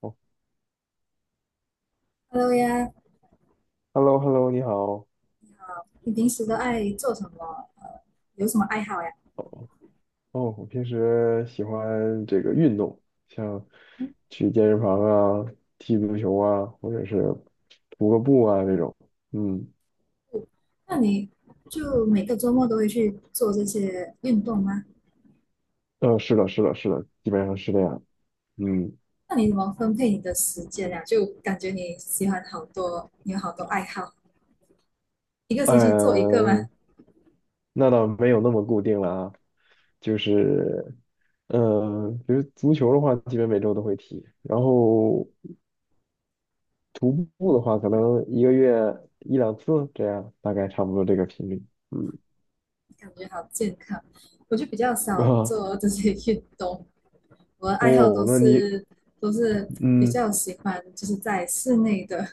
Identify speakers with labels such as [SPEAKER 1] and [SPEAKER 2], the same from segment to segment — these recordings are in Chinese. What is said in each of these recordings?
[SPEAKER 1] 哦
[SPEAKER 2] Hello 呀，
[SPEAKER 1] ，Hello，Hello，你好。
[SPEAKER 2] 你平时都爱做什么？有什么爱好呀？
[SPEAKER 1] 哦，哦，我平时喜欢这个运动，像去健身房啊、踢足球啊，或者是徒个步啊这种。嗯，
[SPEAKER 2] 嗯，那你就每个周末都会去做这些运动吗？
[SPEAKER 1] 是的，是的，是的，基本上是这样。嗯，
[SPEAKER 2] 那你怎么分配你的时间呀？就感觉你喜欢好多，你有好多爱好，一个星期做一个吗？
[SPEAKER 1] 呃，那倒没有那么固定了啊，就是，比如足球的话，基本每周都会踢，然后徒步的话，可能一个月一两次这样，大概差不多这个频率。嗯
[SPEAKER 2] 感觉好健康。我就比较少
[SPEAKER 1] 啊。
[SPEAKER 2] 做这些运动，我的爱好都
[SPEAKER 1] 哦，那你
[SPEAKER 2] 是都是比
[SPEAKER 1] 嗯
[SPEAKER 2] 较喜欢就是在室内的，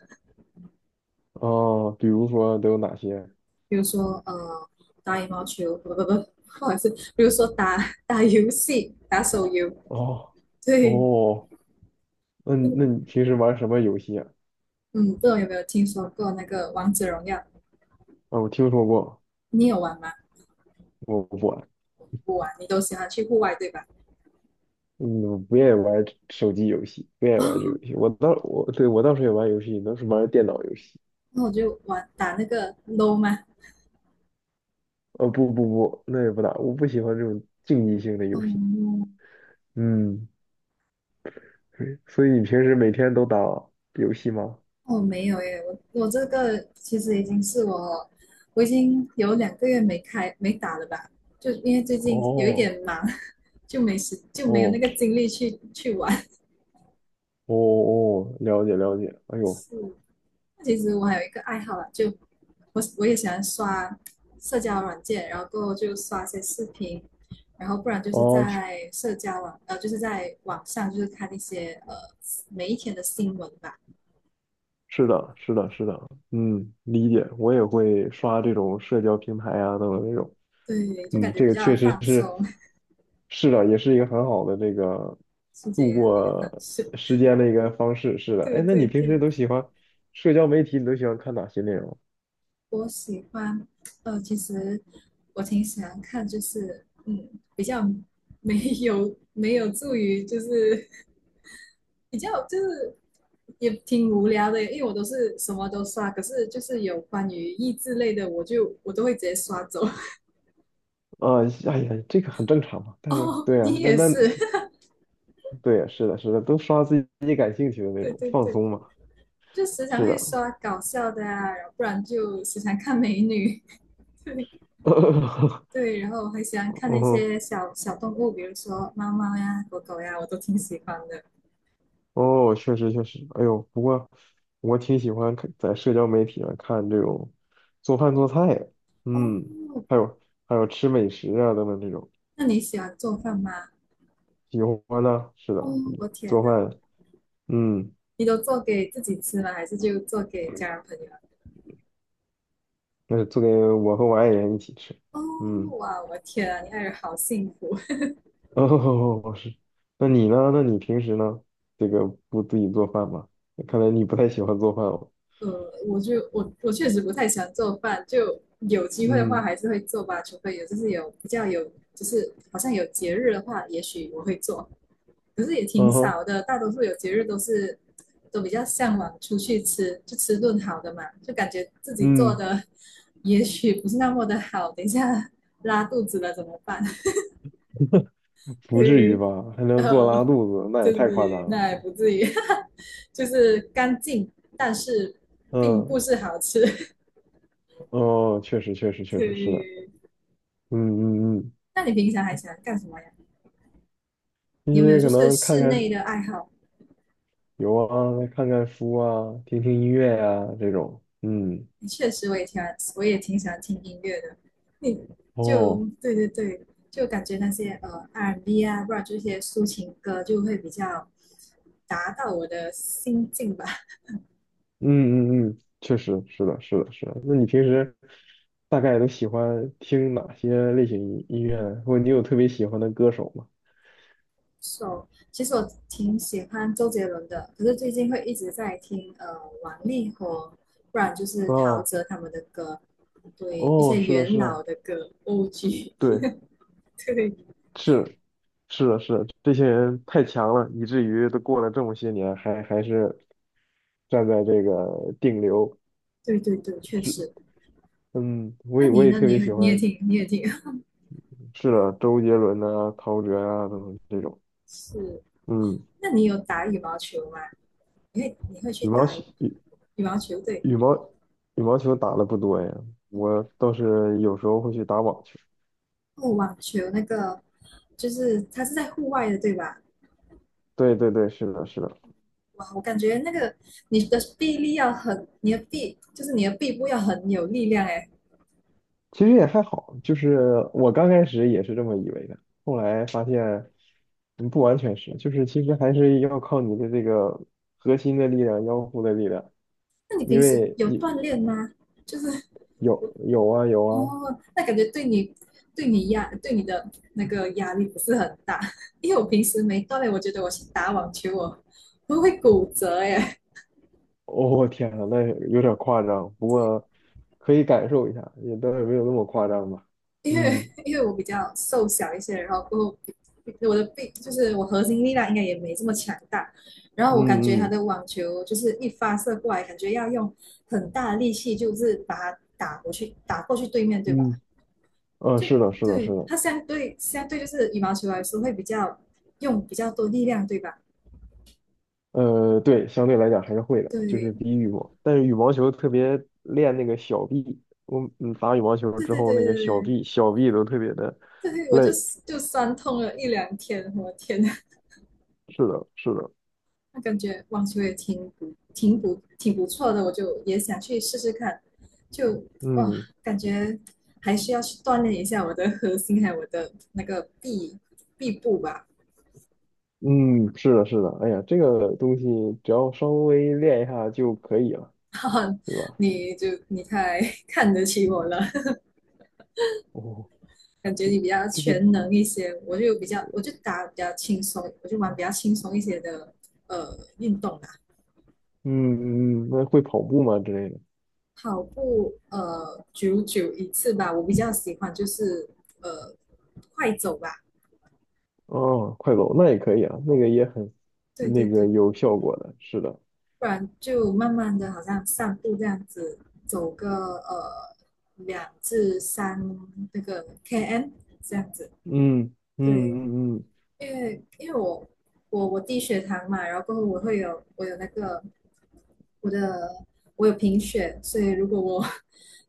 [SPEAKER 1] 啊，比如说都有哪些？
[SPEAKER 2] 比如说打羽毛球，不不不，或者是比如说打 打游戏、打手游，
[SPEAKER 1] 哦
[SPEAKER 2] 对。
[SPEAKER 1] 哦，那你平时玩什么游戏啊？
[SPEAKER 2] 嗯，不知道有没有听说过那个王者荣耀？
[SPEAKER 1] 啊，我听说过，
[SPEAKER 2] 你有玩吗？
[SPEAKER 1] 我不玩，
[SPEAKER 2] 不玩，你都喜欢去户外对吧？
[SPEAKER 1] 嗯，我不愿意玩手机游戏，不愿 意
[SPEAKER 2] 哦，
[SPEAKER 1] 玩这个游戏。我倒是也玩游戏，都是玩电脑游戏。
[SPEAKER 2] 那我就玩打那个 LO 吗？
[SPEAKER 1] 不不不，那也不打，我不喜欢这种竞技性的游戏。
[SPEAKER 2] 嗯，
[SPEAKER 1] 嗯，对，所以你平时每天都打游戏吗？
[SPEAKER 2] 我没有耶，我这个其实已经是我，我已经有两个月没开没打了吧，就因为最近有一
[SPEAKER 1] 哦
[SPEAKER 2] 点忙。就没时就没有那个
[SPEAKER 1] 哦
[SPEAKER 2] 精力去玩。
[SPEAKER 1] 哦哦，了解了解。哎呦，
[SPEAKER 2] 是，其实我还有一个爱好啦，就我也喜欢刷社交软件，然后过后就刷些视频，然后不然就是
[SPEAKER 1] 哦，
[SPEAKER 2] 在社交网呃就是在网上就是看一些每一天的新闻吧。
[SPEAKER 1] 是
[SPEAKER 2] 对
[SPEAKER 1] 的，是的，是的，嗯，理解，我也会刷这种社交平台啊，等等这种，
[SPEAKER 2] 对，就感
[SPEAKER 1] 嗯，
[SPEAKER 2] 觉
[SPEAKER 1] 这
[SPEAKER 2] 比
[SPEAKER 1] 个
[SPEAKER 2] 较
[SPEAKER 1] 确实
[SPEAKER 2] 放
[SPEAKER 1] 是，
[SPEAKER 2] 松。
[SPEAKER 1] 是的，也是一个很好的这个
[SPEAKER 2] 疏解
[SPEAKER 1] 度
[SPEAKER 2] 压力的方
[SPEAKER 1] 过
[SPEAKER 2] 式。
[SPEAKER 1] 时间的一个方式，是的，
[SPEAKER 2] 对
[SPEAKER 1] 哎，那
[SPEAKER 2] 对
[SPEAKER 1] 你平
[SPEAKER 2] 对，
[SPEAKER 1] 时都喜欢社交媒体，你都喜欢看哪些内容？
[SPEAKER 2] 我喜欢其实我挺喜欢看，就是嗯比较没没有助于就是比较就是也挺无聊的，因为我都是什么都刷，可是就是有关于益智类的，我都会直接刷走。
[SPEAKER 1] 啊、哎呀，这个很正常嘛，但是
[SPEAKER 2] 哦，
[SPEAKER 1] 对啊，
[SPEAKER 2] 你
[SPEAKER 1] 那
[SPEAKER 2] 也
[SPEAKER 1] 那
[SPEAKER 2] 是。
[SPEAKER 1] 对啊，是的，是的，都刷自己感兴趣的内
[SPEAKER 2] 对
[SPEAKER 1] 容，
[SPEAKER 2] 对
[SPEAKER 1] 放
[SPEAKER 2] 对，
[SPEAKER 1] 松嘛，
[SPEAKER 2] 就时常
[SPEAKER 1] 是
[SPEAKER 2] 会
[SPEAKER 1] 的，
[SPEAKER 2] 刷搞笑的啊，然后不然就时常看美女。对 对，然后还喜欢看
[SPEAKER 1] 嗯
[SPEAKER 2] 那
[SPEAKER 1] 哼
[SPEAKER 2] 些小小动物，比如说猫猫呀、狗狗呀，我都挺喜欢的。
[SPEAKER 1] 哦，确实确实，哎呦，不过我挺喜欢看在社交媒体上看这种做饭做菜的
[SPEAKER 2] 哦，
[SPEAKER 1] 嗯，还有还有吃美食啊等等这种，
[SPEAKER 2] 那你喜欢做饭吗？
[SPEAKER 1] 喜欢呢，是的，
[SPEAKER 2] 哦，
[SPEAKER 1] 嗯
[SPEAKER 2] 我天
[SPEAKER 1] 做
[SPEAKER 2] 哪，
[SPEAKER 1] 饭，嗯，
[SPEAKER 2] 你都做给自己吃吗？还是就做给家人朋友？
[SPEAKER 1] 那是做给我和我爱人一起吃，
[SPEAKER 2] 哦，
[SPEAKER 1] 嗯，
[SPEAKER 2] 哇，我天啊，你爱人好幸福。
[SPEAKER 1] 哦，是，那你呢？那你平时呢？这个不自己做饭吗？看来你不太喜欢做饭哦，
[SPEAKER 2] 我就我确实不太喜欢做饭，就有机会的话
[SPEAKER 1] 嗯，
[SPEAKER 2] 还是会做吧，除非有就是有比较有就是好像有节日的话，也许我会做，可是也挺
[SPEAKER 1] 嗯哼，
[SPEAKER 2] 少的，大多数有节日都是都比较向往出去吃，就吃顿好的嘛，就感觉自己做
[SPEAKER 1] 嗯，
[SPEAKER 2] 的 也许不是那么的好，等一下 拉肚子了怎么办？
[SPEAKER 1] 不至
[SPEAKER 2] 对，
[SPEAKER 1] 于吧？还能做
[SPEAKER 2] 呃，
[SPEAKER 1] 拉肚子，那也
[SPEAKER 2] 就
[SPEAKER 1] 太夸
[SPEAKER 2] 是
[SPEAKER 1] 张了，
[SPEAKER 2] 那也不至于。就是干净，但是并
[SPEAKER 1] 嗯。
[SPEAKER 2] 不是好吃。
[SPEAKER 1] 哦，确实，确实，确实是的。
[SPEAKER 2] 对。
[SPEAKER 1] 嗯嗯嗯，
[SPEAKER 2] 那你平常还喜欢干什么呀？
[SPEAKER 1] 一
[SPEAKER 2] 你有没有
[SPEAKER 1] 些
[SPEAKER 2] 就
[SPEAKER 1] 可
[SPEAKER 2] 是
[SPEAKER 1] 能看
[SPEAKER 2] 室内
[SPEAKER 1] 看
[SPEAKER 2] 的爱好？
[SPEAKER 1] 有啊，看看书啊，听听音乐呀、这种。嗯，
[SPEAKER 2] 确实，我也挺喜欢听音乐的。你
[SPEAKER 1] 哦，
[SPEAKER 2] 对对对，就感觉那些R&B 啊，不然就一些抒情歌，就会比较达到我的心境吧。
[SPEAKER 1] 嗯嗯嗯，确实是的，是的，是的。那你平时大概都喜欢听哪些类型音乐呢或者你有特别喜欢的歌手吗？
[SPEAKER 2] So,其实我挺喜欢周杰伦的，可是最近会一直在听王力宏，不然就是陶
[SPEAKER 1] 哦
[SPEAKER 2] 喆他们的歌，对一
[SPEAKER 1] 哦，
[SPEAKER 2] 些
[SPEAKER 1] 是的，
[SPEAKER 2] 元
[SPEAKER 1] 是的，
[SPEAKER 2] 老的歌，OG。
[SPEAKER 1] 对，
[SPEAKER 2] 对。
[SPEAKER 1] 是是的，是的，这些人太强了，以至于都过了这么些年，还是站在这个顶流。
[SPEAKER 2] 对对对，确实。
[SPEAKER 1] 嗯，我
[SPEAKER 2] 那
[SPEAKER 1] 也我
[SPEAKER 2] 你
[SPEAKER 1] 也
[SPEAKER 2] 呢？
[SPEAKER 1] 特别喜欢，
[SPEAKER 2] 你也挺
[SPEAKER 1] 是的，周杰伦呐，陶喆啊等等这种。
[SPEAKER 2] 是。
[SPEAKER 1] 嗯，
[SPEAKER 2] 那你有打羽毛球吗？你会去
[SPEAKER 1] 羽毛
[SPEAKER 2] 打
[SPEAKER 1] 球
[SPEAKER 2] 羽
[SPEAKER 1] 羽
[SPEAKER 2] 毛球？对，
[SPEAKER 1] 羽毛羽毛球打的不多呀，我倒是有时候会去打网球。
[SPEAKER 2] 哦，网球那个就是它是在户外的，对吧？
[SPEAKER 1] 对对对，是的，是的，
[SPEAKER 2] 哇，我感觉那个你的臂力要很，你的臂部要很有力量哎。
[SPEAKER 1] 其实也还好，就是我刚开始也是这么以为的，后来发现，嗯，不完全是，就是其实还是要靠你的这个核心的力量、腰部的力量，
[SPEAKER 2] 那你
[SPEAKER 1] 因
[SPEAKER 2] 平时
[SPEAKER 1] 为
[SPEAKER 2] 有
[SPEAKER 1] 你
[SPEAKER 2] 锻炼吗？就是
[SPEAKER 1] 有有啊，
[SPEAKER 2] 哦，那感觉对你对你压对你的那个压力不是很大。因为我平时没锻炼，我觉得我去打网球我会骨折耶。
[SPEAKER 1] 哦，天呐，那有点夸张，不过 可以感受一下，也倒也没有那么夸张吧。
[SPEAKER 2] 因为
[SPEAKER 1] 嗯
[SPEAKER 2] 因为我比较瘦小一些，然后过后我的臂就是我核心力量应该也没这么强大，然后我感觉
[SPEAKER 1] 嗯
[SPEAKER 2] 他
[SPEAKER 1] 嗯
[SPEAKER 2] 的网球就是一发射过来，感觉要用很大的力气，就是把它打过去，打过去对面，对吧？
[SPEAKER 1] 嗯，
[SPEAKER 2] 就
[SPEAKER 1] 是的，是的，
[SPEAKER 2] 对，
[SPEAKER 1] 是的，
[SPEAKER 2] 它相对就是羽毛球来说会比较用比较多力量，对吧？
[SPEAKER 1] 对，相对来讲还是会的，就是
[SPEAKER 2] 对
[SPEAKER 1] 比羽毛，但是羽毛球特别练那个小臂，我嗯打羽毛球
[SPEAKER 2] 对
[SPEAKER 1] 之
[SPEAKER 2] 对
[SPEAKER 1] 后
[SPEAKER 2] 对
[SPEAKER 1] 那个小
[SPEAKER 2] 对
[SPEAKER 1] 臂小臂都特别的
[SPEAKER 2] 对，对我就
[SPEAKER 1] 累。
[SPEAKER 2] 酸痛了一两天，我天呐。
[SPEAKER 1] 是的，是的，
[SPEAKER 2] 那感觉网球也挺不错的，我就也想去试试看，就哇，
[SPEAKER 1] 嗯
[SPEAKER 2] 感觉还是要去锻炼一下我的核心，还有我的那个臂部吧。
[SPEAKER 1] 嗯，是的，是的，哎呀，这个东西只要稍微练一下就可以了，
[SPEAKER 2] 哈哈，
[SPEAKER 1] 对吧？
[SPEAKER 2] 你太 看得起我了。
[SPEAKER 1] 哦，
[SPEAKER 2] 感觉
[SPEAKER 1] 这
[SPEAKER 2] 你比较
[SPEAKER 1] 这个。
[SPEAKER 2] 全能一些，我就打比较轻松，我就玩比较轻松一些的运动啦。
[SPEAKER 1] 嗯嗯，嗯那会跑步吗之类的？
[SPEAKER 2] 跑步久久一次吧，我比较喜欢就是呃快走吧，
[SPEAKER 1] 哦，快走，那也可以啊，那个也很，
[SPEAKER 2] 对对
[SPEAKER 1] 那个
[SPEAKER 2] 对，
[SPEAKER 1] 有效果的，是的，
[SPEAKER 2] 不然就慢慢的好像散步这样子，走个呃两至三那个 km 这样子，
[SPEAKER 1] 嗯嗯
[SPEAKER 2] 对，
[SPEAKER 1] 嗯嗯，
[SPEAKER 2] 因为因为我我低血糖嘛，然后过后我有那个我的我有贫血，所以如果我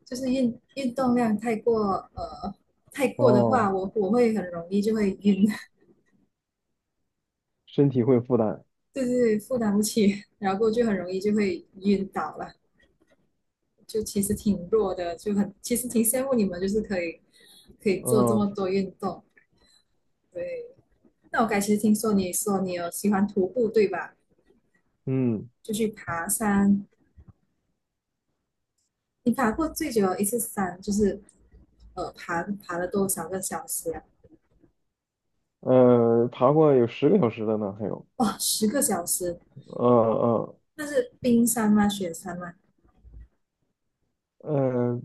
[SPEAKER 2] 就是运动量太过的话，
[SPEAKER 1] 哦，
[SPEAKER 2] 我会很容易就会晕。
[SPEAKER 1] 身体会负担，
[SPEAKER 2] 对对对，负担不起，然后就很容易就会晕倒了。就其实挺弱的，其实挺羡慕你们，就是可以做这么
[SPEAKER 1] 嗯
[SPEAKER 2] 多运动。对，那我刚才其实听说你说你有喜欢徒步，对吧？
[SPEAKER 1] 嗯
[SPEAKER 2] 就去爬山，你爬过最久的一次山就是爬了多少个小时啊？
[SPEAKER 1] 爬过有10个小时的呢，还有，
[SPEAKER 2] 哇，十个小时，
[SPEAKER 1] 嗯嗯
[SPEAKER 2] 那是冰山吗？雪山吗？
[SPEAKER 1] 嗯，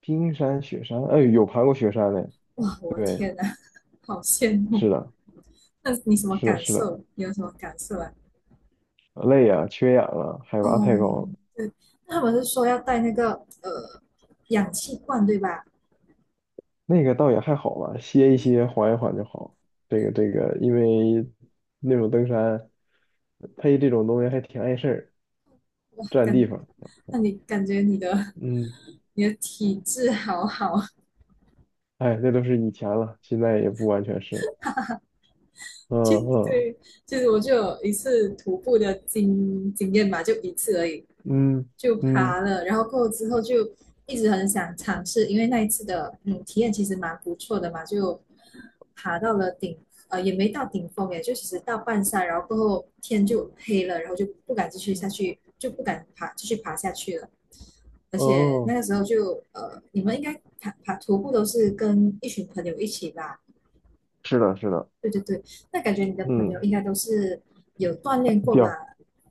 [SPEAKER 1] 冰山雪山，哎，有爬过雪山的，
[SPEAKER 2] 哇，我的
[SPEAKER 1] 对，
[SPEAKER 2] 天呐。好羡慕！
[SPEAKER 1] 是的，
[SPEAKER 2] 那你什么
[SPEAKER 1] 是的，
[SPEAKER 2] 感
[SPEAKER 1] 是的，
[SPEAKER 2] 受？你有什么感受啊？
[SPEAKER 1] 累呀、缺氧了，海拔
[SPEAKER 2] 哦，
[SPEAKER 1] 太高了，
[SPEAKER 2] 对，那他们是说要带那个呃氧气罐，对吧？
[SPEAKER 1] 那个倒也还好吧，歇一歇，缓一缓就好。这个，因为那种登山配这种东西还挺碍事儿，
[SPEAKER 2] 哇，
[SPEAKER 1] 占地方。
[SPEAKER 2] 那你感觉你的
[SPEAKER 1] 嗯，
[SPEAKER 2] 你的体质好好。
[SPEAKER 1] 哎，那都是以前了，现在也不完全是。嗯
[SPEAKER 2] 其
[SPEAKER 1] 嗯
[SPEAKER 2] 对，其实我就有一次徒步的经验吧，就一次而已，
[SPEAKER 1] 嗯
[SPEAKER 2] 就
[SPEAKER 1] 嗯，
[SPEAKER 2] 爬了，然后过后之后就一直很想尝试，因为那一次的体验其实蛮不错的嘛，就爬到了顶，也没到顶峰耶，就其实到半山，然后过后天就黑了，然后就不敢继续下去，就不敢爬继续爬下去了。而且那
[SPEAKER 1] 哦，
[SPEAKER 2] 个时候就你们应该徒步都是跟一群朋友一起吧？
[SPEAKER 1] 是的，是的，
[SPEAKER 2] 对对对，那感觉你的朋友
[SPEAKER 1] 嗯，
[SPEAKER 2] 应该都是有锻炼过吧？
[SPEAKER 1] 掉，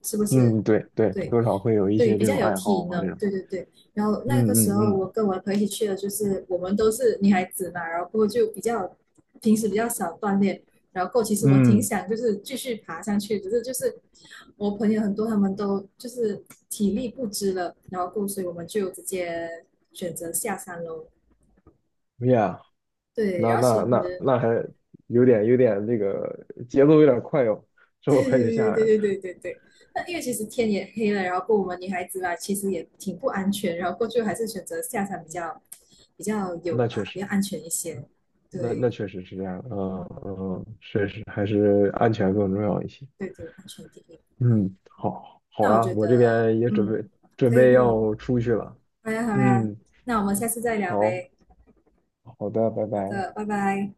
[SPEAKER 2] 是不是？
[SPEAKER 1] 嗯，对对，
[SPEAKER 2] 对
[SPEAKER 1] 多少会有一
[SPEAKER 2] 对，
[SPEAKER 1] 些
[SPEAKER 2] 比
[SPEAKER 1] 这
[SPEAKER 2] 较
[SPEAKER 1] 种
[SPEAKER 2] 有
[SPEAKER 1] 爱好
[SPEAKER 2] 体
[SPEAKER 1] 啊，这
[SPEAKER 2] 能。
[SPEAKER 1] 种，
[SPEAKER 2] 对对对。然后那个
[SPEAKER 1] 嗯
[SPEAKER 2] 时
[SPEAKER 1] 嗯
[SPEAKER 2] 候，
[SPEAKER 1] 嗯
[SPEAKER 2] 我跟我的朋友一起去的，就是我们都是女孩子嘛，然后过后就比较平时比较少锻炼，然后过后其实我挺
[SPEAKER 1] 嗯
[SPEAKER 2] 想就是继续爬上去，只是就是我朋友很多他们都就是体力不支了，然后过后所以我们就直接选择下山喽。
[SPEAKER 1] ，yeah。
[SPEAKER 2] 对，
[SPEAKER 1] 那
[SPEAKER 2] 然后其
[SPEAKER 1] 那那
[SPEAKER 2] 实
[SPEAKER 1] 那还有点那个节奏有点快哟，这
[SPEAKER 2] 对
[SPEAKER 1] 么快就下
[SPEAKER 2] 对对对
[SPEAKER 1] 来了
[SPEAKER 2] 对对对对。那因为其实天也黑了，然后过我们女孩子嘛，其实也挺不安全，然后过去还是选择下山比较比较有
[SPEAKER 1] 那
[SPEAKER 2] 啊，
[SPEAKER 1] 确
[SPEAKER 2] 比
[SPEAKER 1] 实，
[SPEAKER 2] 较安全一些。
[SPEAKER 1] 那
[SPEAKER 2] 对
[SPEAKER 1] 确实是这样的，嗯嗯，确实还是安全更重要一些。
[SPEAKER 2] 对对，安全第一。
[SPEAKER 1] 嗯，好，好
[SPEAKER 2] 那我
[SPEAKER 1] 呀，
[SPEAKER 2] 觉
[SPEAKER 1] 我这
[SPEAKER 2] 得，
[SPEAKER 1] 边也准
[SPEAKER 2] 嗯，
[SPEAKER 1] 备准
[SPEAKER 2] 可以
[SPEAKER 1] 备
[SPEAKER 2] 可以，
[SPEAKER 1] 要出去了。
[SPEAKER 2] 好呀好呀，
[SPEAKER 1] 嗯，
[SPEAKER 2] 那我们下次再聊
[SPEAKER 1] 好，
[SPEAKER 2] 呗。
[SPEAKER 1] 好的，拜
[SPEAKER 2] 好
[SPEAKER 1] 拜。
[SPEAKER 2] 的，拜拜。